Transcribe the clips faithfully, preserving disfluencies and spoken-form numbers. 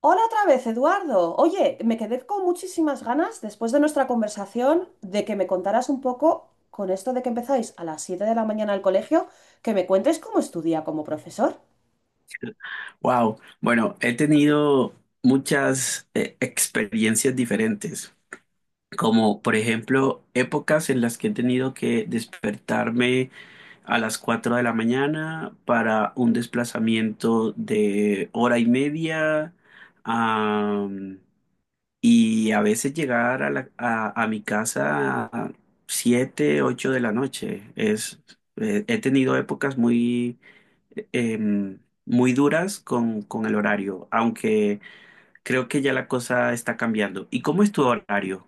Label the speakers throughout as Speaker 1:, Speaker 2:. Speaker 1: Hola otra vez, Eduardo. Oye, me quedé con muchísimas ganas después de nuestra conversación de que me contaras un poco con esto de que empezáis a las siete de la mañana al colegio, que me cuentes cómo estudia como profesor.
Speaker 2: Wow. Bueno, he tenido muchas eh, experiencias diferentes, como por ejemplo épocas en las que he tenido que despertarme a las cuatro de la mañana para un desplazamiento de hora y media, am, y a veces llegar a, la- a, a mi casa a siete, ocho de la noche. Es, eh, he tenido épocas muy em, muy duras con, con el horario, aunque creo que ya la cosa está cambiando. ¿Y cómo es tu horario?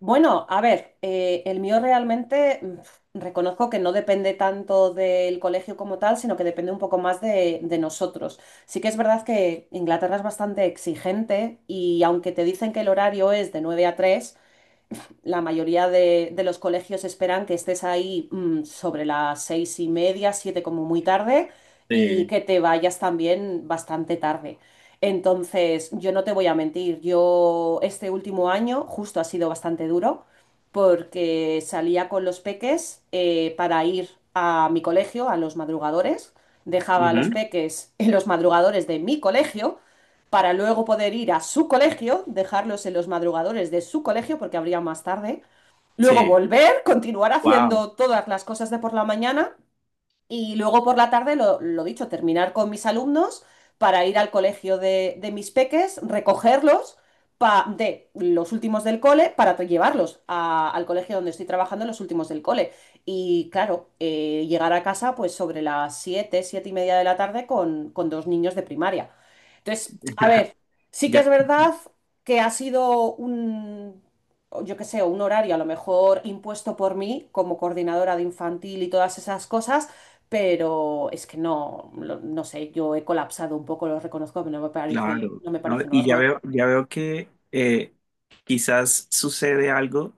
Speaker 1: Bueno, a ver, eh, el mío realmente mm, reconozco que no depende tanto del colegio como tal, sino que depende un poco más de, de nosotros. Sí que es verdad que Inglaterra es bastante exigente y aunque te dicen que el horario es de nueve a tres la mayoría de, de los colegios esperan que estés ahí mm, sobre las seis y media, siete como muy tarde, y
Speaker 2: Eh,
Speaker 1: que te vayas también bastante tarde. Entonces, yo no te voy a mentir, yo este último año justo ha sido bastante duro porque salía con los peques eh, para ir a mi colegio, a los madrugadores, dejaba a los
Speaker 2: Ujú.
Speaker 1: peques en los madrugadores de mi colegio para luego poder ir a su colegio, dejarlos en los madrugadores de su colegio porque abría más tarde, luego
Speaker 2: Sí.
Speaker 1: volver, continuar
Speaker 2: Wow.
Speaker 1: haciendo todas las cosas de por la mañana y luego por la tarde, lo, lo dicho, terminar con mis alumnos para ir al colegio de, de mis peques, recogerlos pa- de los últimos del cole para tra- llevarlos a- al colegio donde estoy trabajando los últimos del cole. Y claro, eh, llegar a casa pues sobre las siete siete y media de la tarde con, con dos niños de primaria. Entonces, a ver, sí que
Speaker 2: Ya.
Speaker 1: es verdad que ha sido un, o yo qué sé, un horario a lo mejor impuesto por mí como coordinadora de infantil y todas esas cosas, pero es que no, lo- no sé, yo he colapsado un poco, lo reconozco, pero no me parece,
Speaker 2: Claro,
Speaker 1: no me
Speaker 2: ¿no?
Speaker 1: parece
Speaker 2: Y ya
Speaker 1: normal.
Speaker 2: veo, ya veo que eh, quizás sucede algo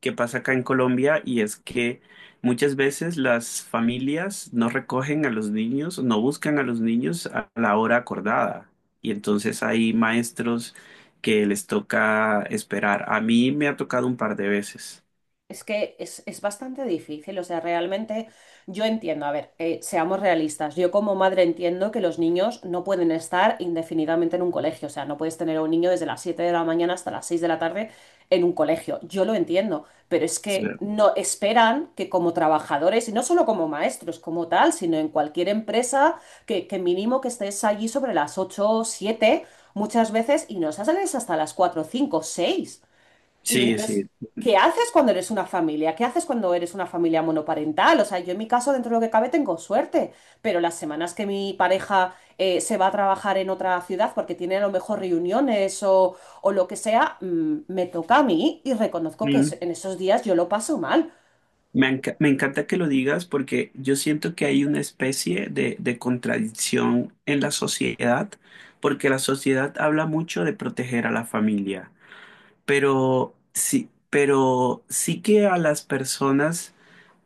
Speaker 2: que pasa acá en Colombia y es que muchas veces las familias no recogen a los niños, no buscan a los niños a la hora acordada. Y entonces hay maestros que les toca esperar. A mí me ha tocado un par de veces.
Speaker 1: Es que es, es bastante difícil, o sea, realmente yo entiendo, a ver, eh, seamos realistas, yo como madre entiendo que los niños no pueden estar indefinidamente en un colegio, o sea, no puedes tener a un niño desde las siete de la mañana hasta las seis de la tarde en un colegio, yo lo entiendo, pero es que no esperan que como trabajadores, y no solo como maestros como tal, sino en cualquier empresa, que, que mínimo que estés allí sobre las ocho o siete muchas veces y no sales hasta las cuatro cinco seis. Y
Speaker 2: Sí, sí.
Speaker 1: entonces, ¿qué haces cuando eres una familia? ¿Qué haces cuando eres una familia monoparental? O sea, yo en mi caso, dentro de lo que cabe, tengo suerte, pero las semanas que mi pareja eh, se va a trabajar en otra ciudad porque tiene a lo mejor reuniones o, o lo que sea, mm, me toca a mí y reconozco que es-
Speaker 2: sí.
Speaker 1: en esos días yo lo paso mal.
Speaker 2: Me, enca- me encanta que lo digas porque yo siento que hay una especie de, de contradicción en la sociedad, porque la sociedad habla mucho de proteger a la familia, pero sí, pero sí que a las personas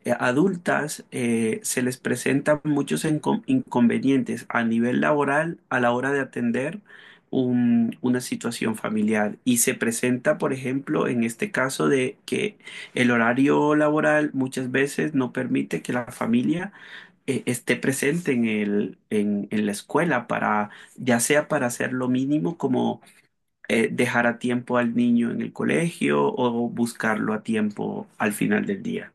Speaker 2: eh, adultas eh, se les presentan muchos encon- inconvenientes a nivel laboral a la hora de atender un- una situación familiar. Y se presenta, por ejemplo, en este caso de que el horario laboral muchas veces no permite que la familia eh, esté presente en el, en, en la escuela para, ya sea para hacer lo mínimo como eh, dejar a tiempo al niño en el colegio o buscarlo a tiempo al final del día.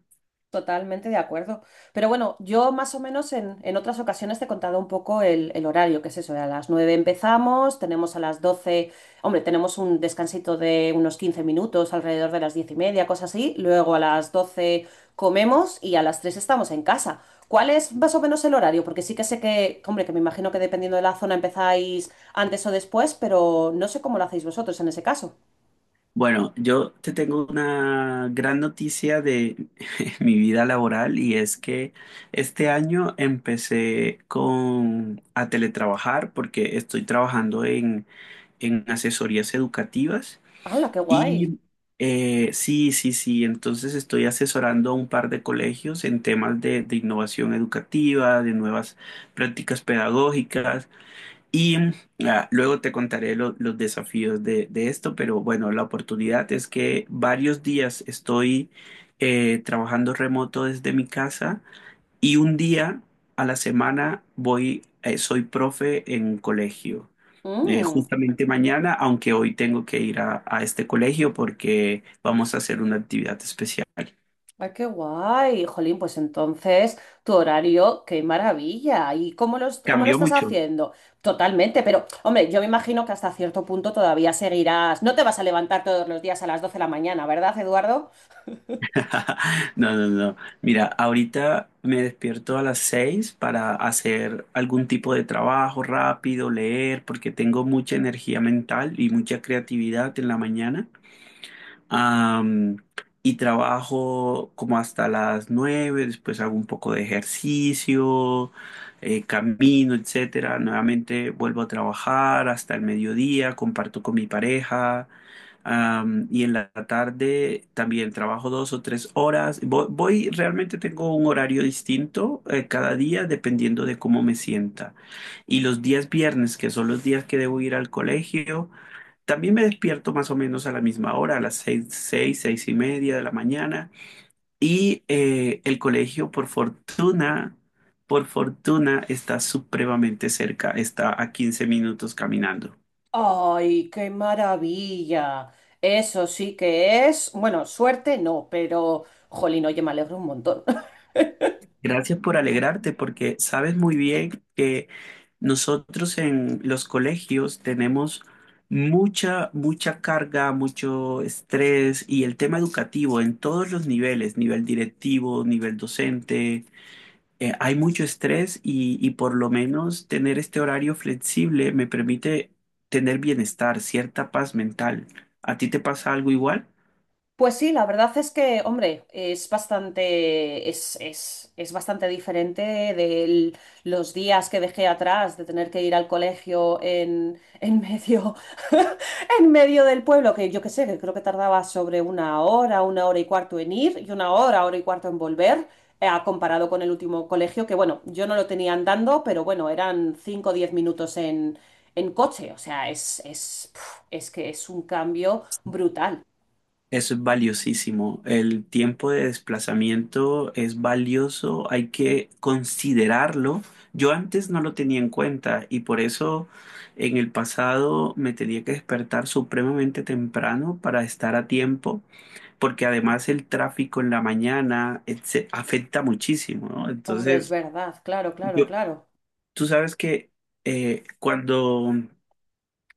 Speaker 1: Totalmente de acuerdo. Pero bueno, yo más o menos en, en otras ocasiones te he contado un poco el, el horario, que es eso, a las nueve empezamos, tenemos a las doce, hombre, tenemos un descansito de unos quince minutos, alrededor de las diez y media, cosas así, luego a las doce comemos y a las tres estamos en casa. ¿Cuál es más o menos el horario? Porque sí que sé que, hombre, que me imagino que dependiendo de la zona empezáis antes o después, pero no sé cómo lo hacéis vosotros en ese caso.
Speaker 2: Bueno, yo te tengo una gran noticia de mi vida laboral y es que este año empecé con a teletrabajar porque estoy trabajando en, en asesorías educativas
Speaker 1: ¡Hala, qué guay!
Speaker 2: y eh, sí, sí, sí, entonces estoy asesorando a un par de colegios en temas de de innovación educativa, de nuevas prácticas pedagógicas. Y ah, luego te contaré lo- los desafíos de, de esto, pero bueno, la oportunidad es que varios días estoy eh, trabajando remoto desde mi casa y un día a la semana voy, eh, soy profe en colegio. Eh,
Speaker 1: Mm.
Speaker 2: justamente mañana, aunque hoy tengo que ir a, a este colegio porque vamos a hacer una actividad especial.
Speaker 1: Ay, qué guay, jolín, pues entonces tu horario, qué maravilla. ¿Y cómo lo, cómo lo
Speaker 2: Cambió
Speaker 1: estás
Speaker 2: mucho.
Speaker 1: haciendo? Totalmente, pero hombre, yo me imagino que hasta cierto punto todavía seguirás. No te vas a levantar todos los días a las doce de la mañana, ¿verdad, Eduardo?
Speaker 2: No, no, no. Mira, ahorita me despierto a las seis para hacer algún tipo de trabajo rápido, leer, porque tengo mucha energía mental y mucha creatividad en la mañana. Am, y trabajo como hasta las nueve después hago un poco de ejercicio, eh, camino, etcétera. Nuevamente vuelvo a trabajar hasta el mediodía, comparto con mi pareja. Am, y en la tarde también trabajo dos o tres horas. Voy, voy- realmente tengo un horario distinto eh, cada día dependiendo de cómo me sienta. Y los días viernes, que son los días que debo ir al colegio, también me despierto más o menos a la misma hora, a las seis, seis, seis y media de la mañana. Y eh, el colegio, por fortuna, por fortuna, está supremamente cerca, está a quince minutos caminando.
Speaker 1: Ay, qué maravilla. Eso sí que es, bueno, suerte no, pero jolín, oye, me alegro un montón.
Speaker 2: Gracias por alegrarte, porque sabes muy bien que nosotros en los colegios tenemos mucha, mucha carga, mucho estrés y el tema educativo en todos los niveles, nivel directivo, nivel docente eh, hay mucho estrés y, y por lo menos tener este horario flexible me permite tener bienestar, cierta paz mental. ¿A ti te pasa algo igual?
Speaker 1: Pues sí, la verdad es que, hombre, es bastante, es, es, es bastante diferente de los días que dejé atrás de tener que ir al colegio en, en medio, en medio del pueblo, que yo qué sé, que creo que tardaba sobre una hora, una hora y cuarto en ir y una hora, hora y cuarto en volver, eh, comparado con el último colegio, que bueno, yo no lo tenía andando, pero bueno, eran cinco o diez minutos en, en coche, o sea, es, es, pf, es que es un cambio brutal.
Speaker 2: Eso es valiosísimo. El tiempo de desplazamiento es valioso, hay que considerarlo. Yo antes no lo tenía en cuenta y por eso en el pasado me tenía que despertar supremamente temprano para estar a tiempo porque además el tráfico en la mañana etce- afecta muchísimo, ¿no?
Speaker 1: Hombre, es
Speaker 2: Entonces,
Speaker 1: verdad, claro, claro,
Speaker 2: Yo,
Speaker 1: claro.
Speaker 2: tú sabes que eh, cuando,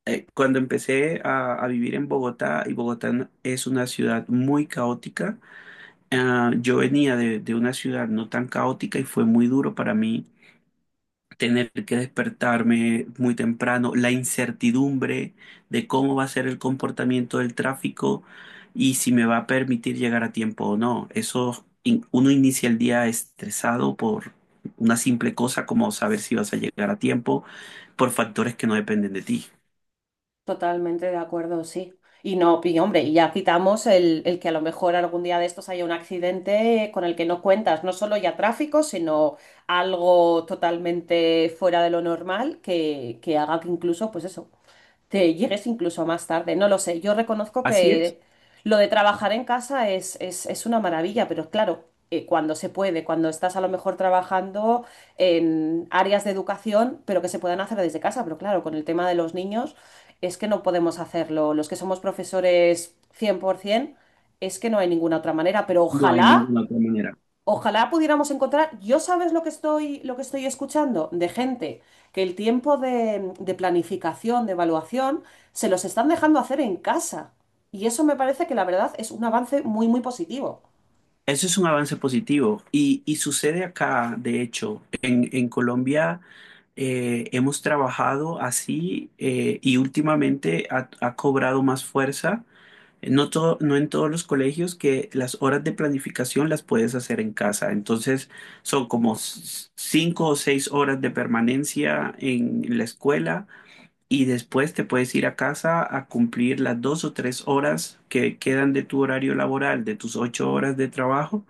Speaker 2: eh, cuando empecé a, a vivir en Bogotá, y Bogotá no- es una ciudad muy caótica, ah, yo venía de, de una ciudad no tan caótica y fue muy duro para mí tener que despertarme muy temprano, la incertidumbre de cómo va a ser el comportamiento del tráfico y si me va a permitir llegar a tiempo o no. Eso, in- uno inicia el día estresado por una simple cosa como saber si vas a llegar a tiempo por factores que no dependen de ti.
Speaker 1: Totalmente de acuerdo, sí. Y no, y hombre, y ya quitamos el, el que a lo mejor algún día de estos haya un accidente con el que no cuentas, no solo ya tráfico, sino algo totalmente fuera de lo normal que, que haga que incluso, pues eso, te llegues incluso más tarde. No lo sé, yo reconozco
Speaker 2: Así es,
Speaker 1: que lo de trabajar en casa es, es, es una maravilla, pero claro, eh, cuando se puede, cuando estás a lo mejor trabajando en áreas de educación, pero que se puedan hacer desde casa, pero claro, con el tema de los niños es que no podemos hacerlo. Los que somos profesores cien por ciento, es que no hay ninguna otra manera, pero
Speaker 2: no hay
Speaker 1: ojalá,
Speaker 2: ninguna otra manera.
Speaker 1: ojalá pudiéramos encontrar, yo sabes lo que estoy, lo que estoy escuchando de gente que el tiempo de, de planificación, de evaluación, se los están dejando hacer en casa. Y eso me parece que la verdad es un avance muy, muy positivo.
Speaker 2: Eso es un avance positivo y, y sucede acá, de hecho, en, en Colombia eh, hemos trabajado así eh, y últimamente ha, ha cobrado más fuerza. No, todo- no en todos los colegios que las horas de planificación las puedes hacer en casa. Entonces son como s- cinco o seis horas de permanencia en la escuela y después te puedes ir a casa a cumplir las dos o tres horas que quedan de tu horario laboral, de tus ocho horas de trabajo,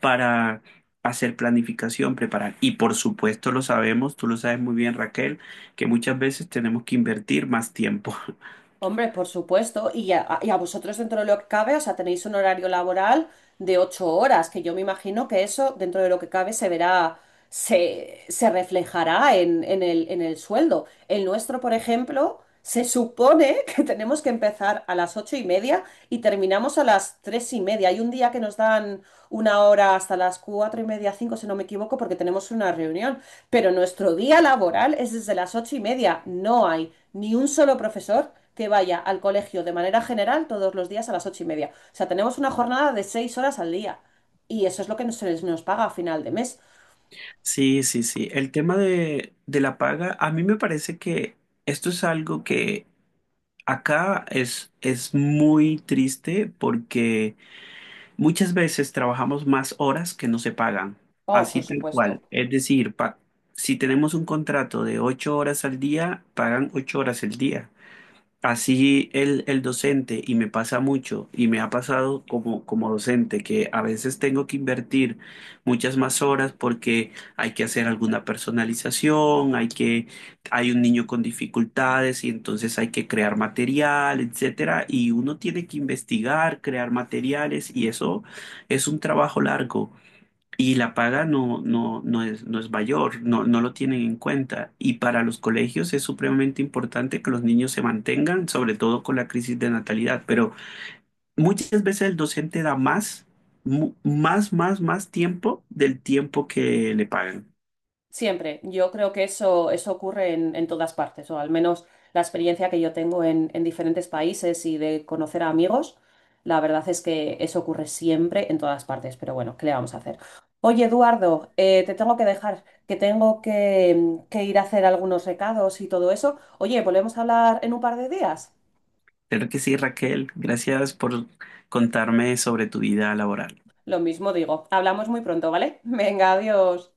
Speaker 2: para hacer planificación, preparar. Y por supuesto lo sabemos, tú lo sabes muy bien, Raquel, que muchas veces tenemos que invertir más tiempo.
Speaker 1: Hombre, por supuesto. Y a, y a vosotros dentro de lo que cabe, o sea, tenéis un horario laboral de ocho horas, que yo me imagino que eso dentro de lo que cabe se verá, se, se reflejará en, en el, en el sueldo. El nuestro, por ejemplo, se supone que tenemos que empezar a las ocho y media y terminamos a las tres y media. Hay un día que nos dan una hora hasta las cuatro y media, cinco, si no me equivoco, porque tenemos una reunión. Pero nuestro día laboral es desde las ocho y media. No hay ni un solo profesor que vaya al colegio de manera general todos los días a las ocho y media. O sea, tenemos una jornada de seis horas al día. Y eso es lo que nos- se les- nos paga a final de mes.
Speaker 2: Sí, sí, sí. El tema de, de la paga, a mí me parece que esto es algo que acá es, es muy triste porque... Muchas veces trabajamos más horas que no se pagan,
Speaker 1: Oh, por
Speaker 2: así tal cual.
Speaker 1: supuesto.
Speaker 2: Es decir, pa- si tenemos un contrato de ocho horas al día, pagan ocho horas el día. Así el, el docente, y me pasa mucho, y me ha pasado como, como docente, que a veces tengo que invertir muchas más horas porque hay que hacer alguna personalización, hay que, hay un niño con dificultades y entonces hay que crear material, etcétera, y uno tiene que investigar, crear materiales, y eso es un trabajo largo y la paga no, no, no es, no es mayor, no, no lo tienen en cuenta. Y para los colegios es supremamente importante que los niños se mantengan, sobre todo con la crisis de natalidad. Pero muchas veces el docente da más, mu- más, más, más tiempo del tiempo que le pagan.
Speaker 1: Siempre. Yo creo que eso, eso ocurre en, en todas partes, o al menos la experiencia que yo tengo en, en diferentes países y de conocer a amigos, la verdad es que eso ocurre siempre en todas partes, pero bueno, ¿qué le vamos a hacer? Oye, Eduardo, eh, te tengo que dejar, que tengo que, que ir a hacer algunos recados y todo eso. Oye, ¿volvemos a hablar en un par de días?
Speaker 2: Creo que sí, Raquel. Gracias por contarme sobre tu vida laboral.
Speaker 1: Lo mismo digo, hablamos muy pronto, ¿vale? Venga, adiós.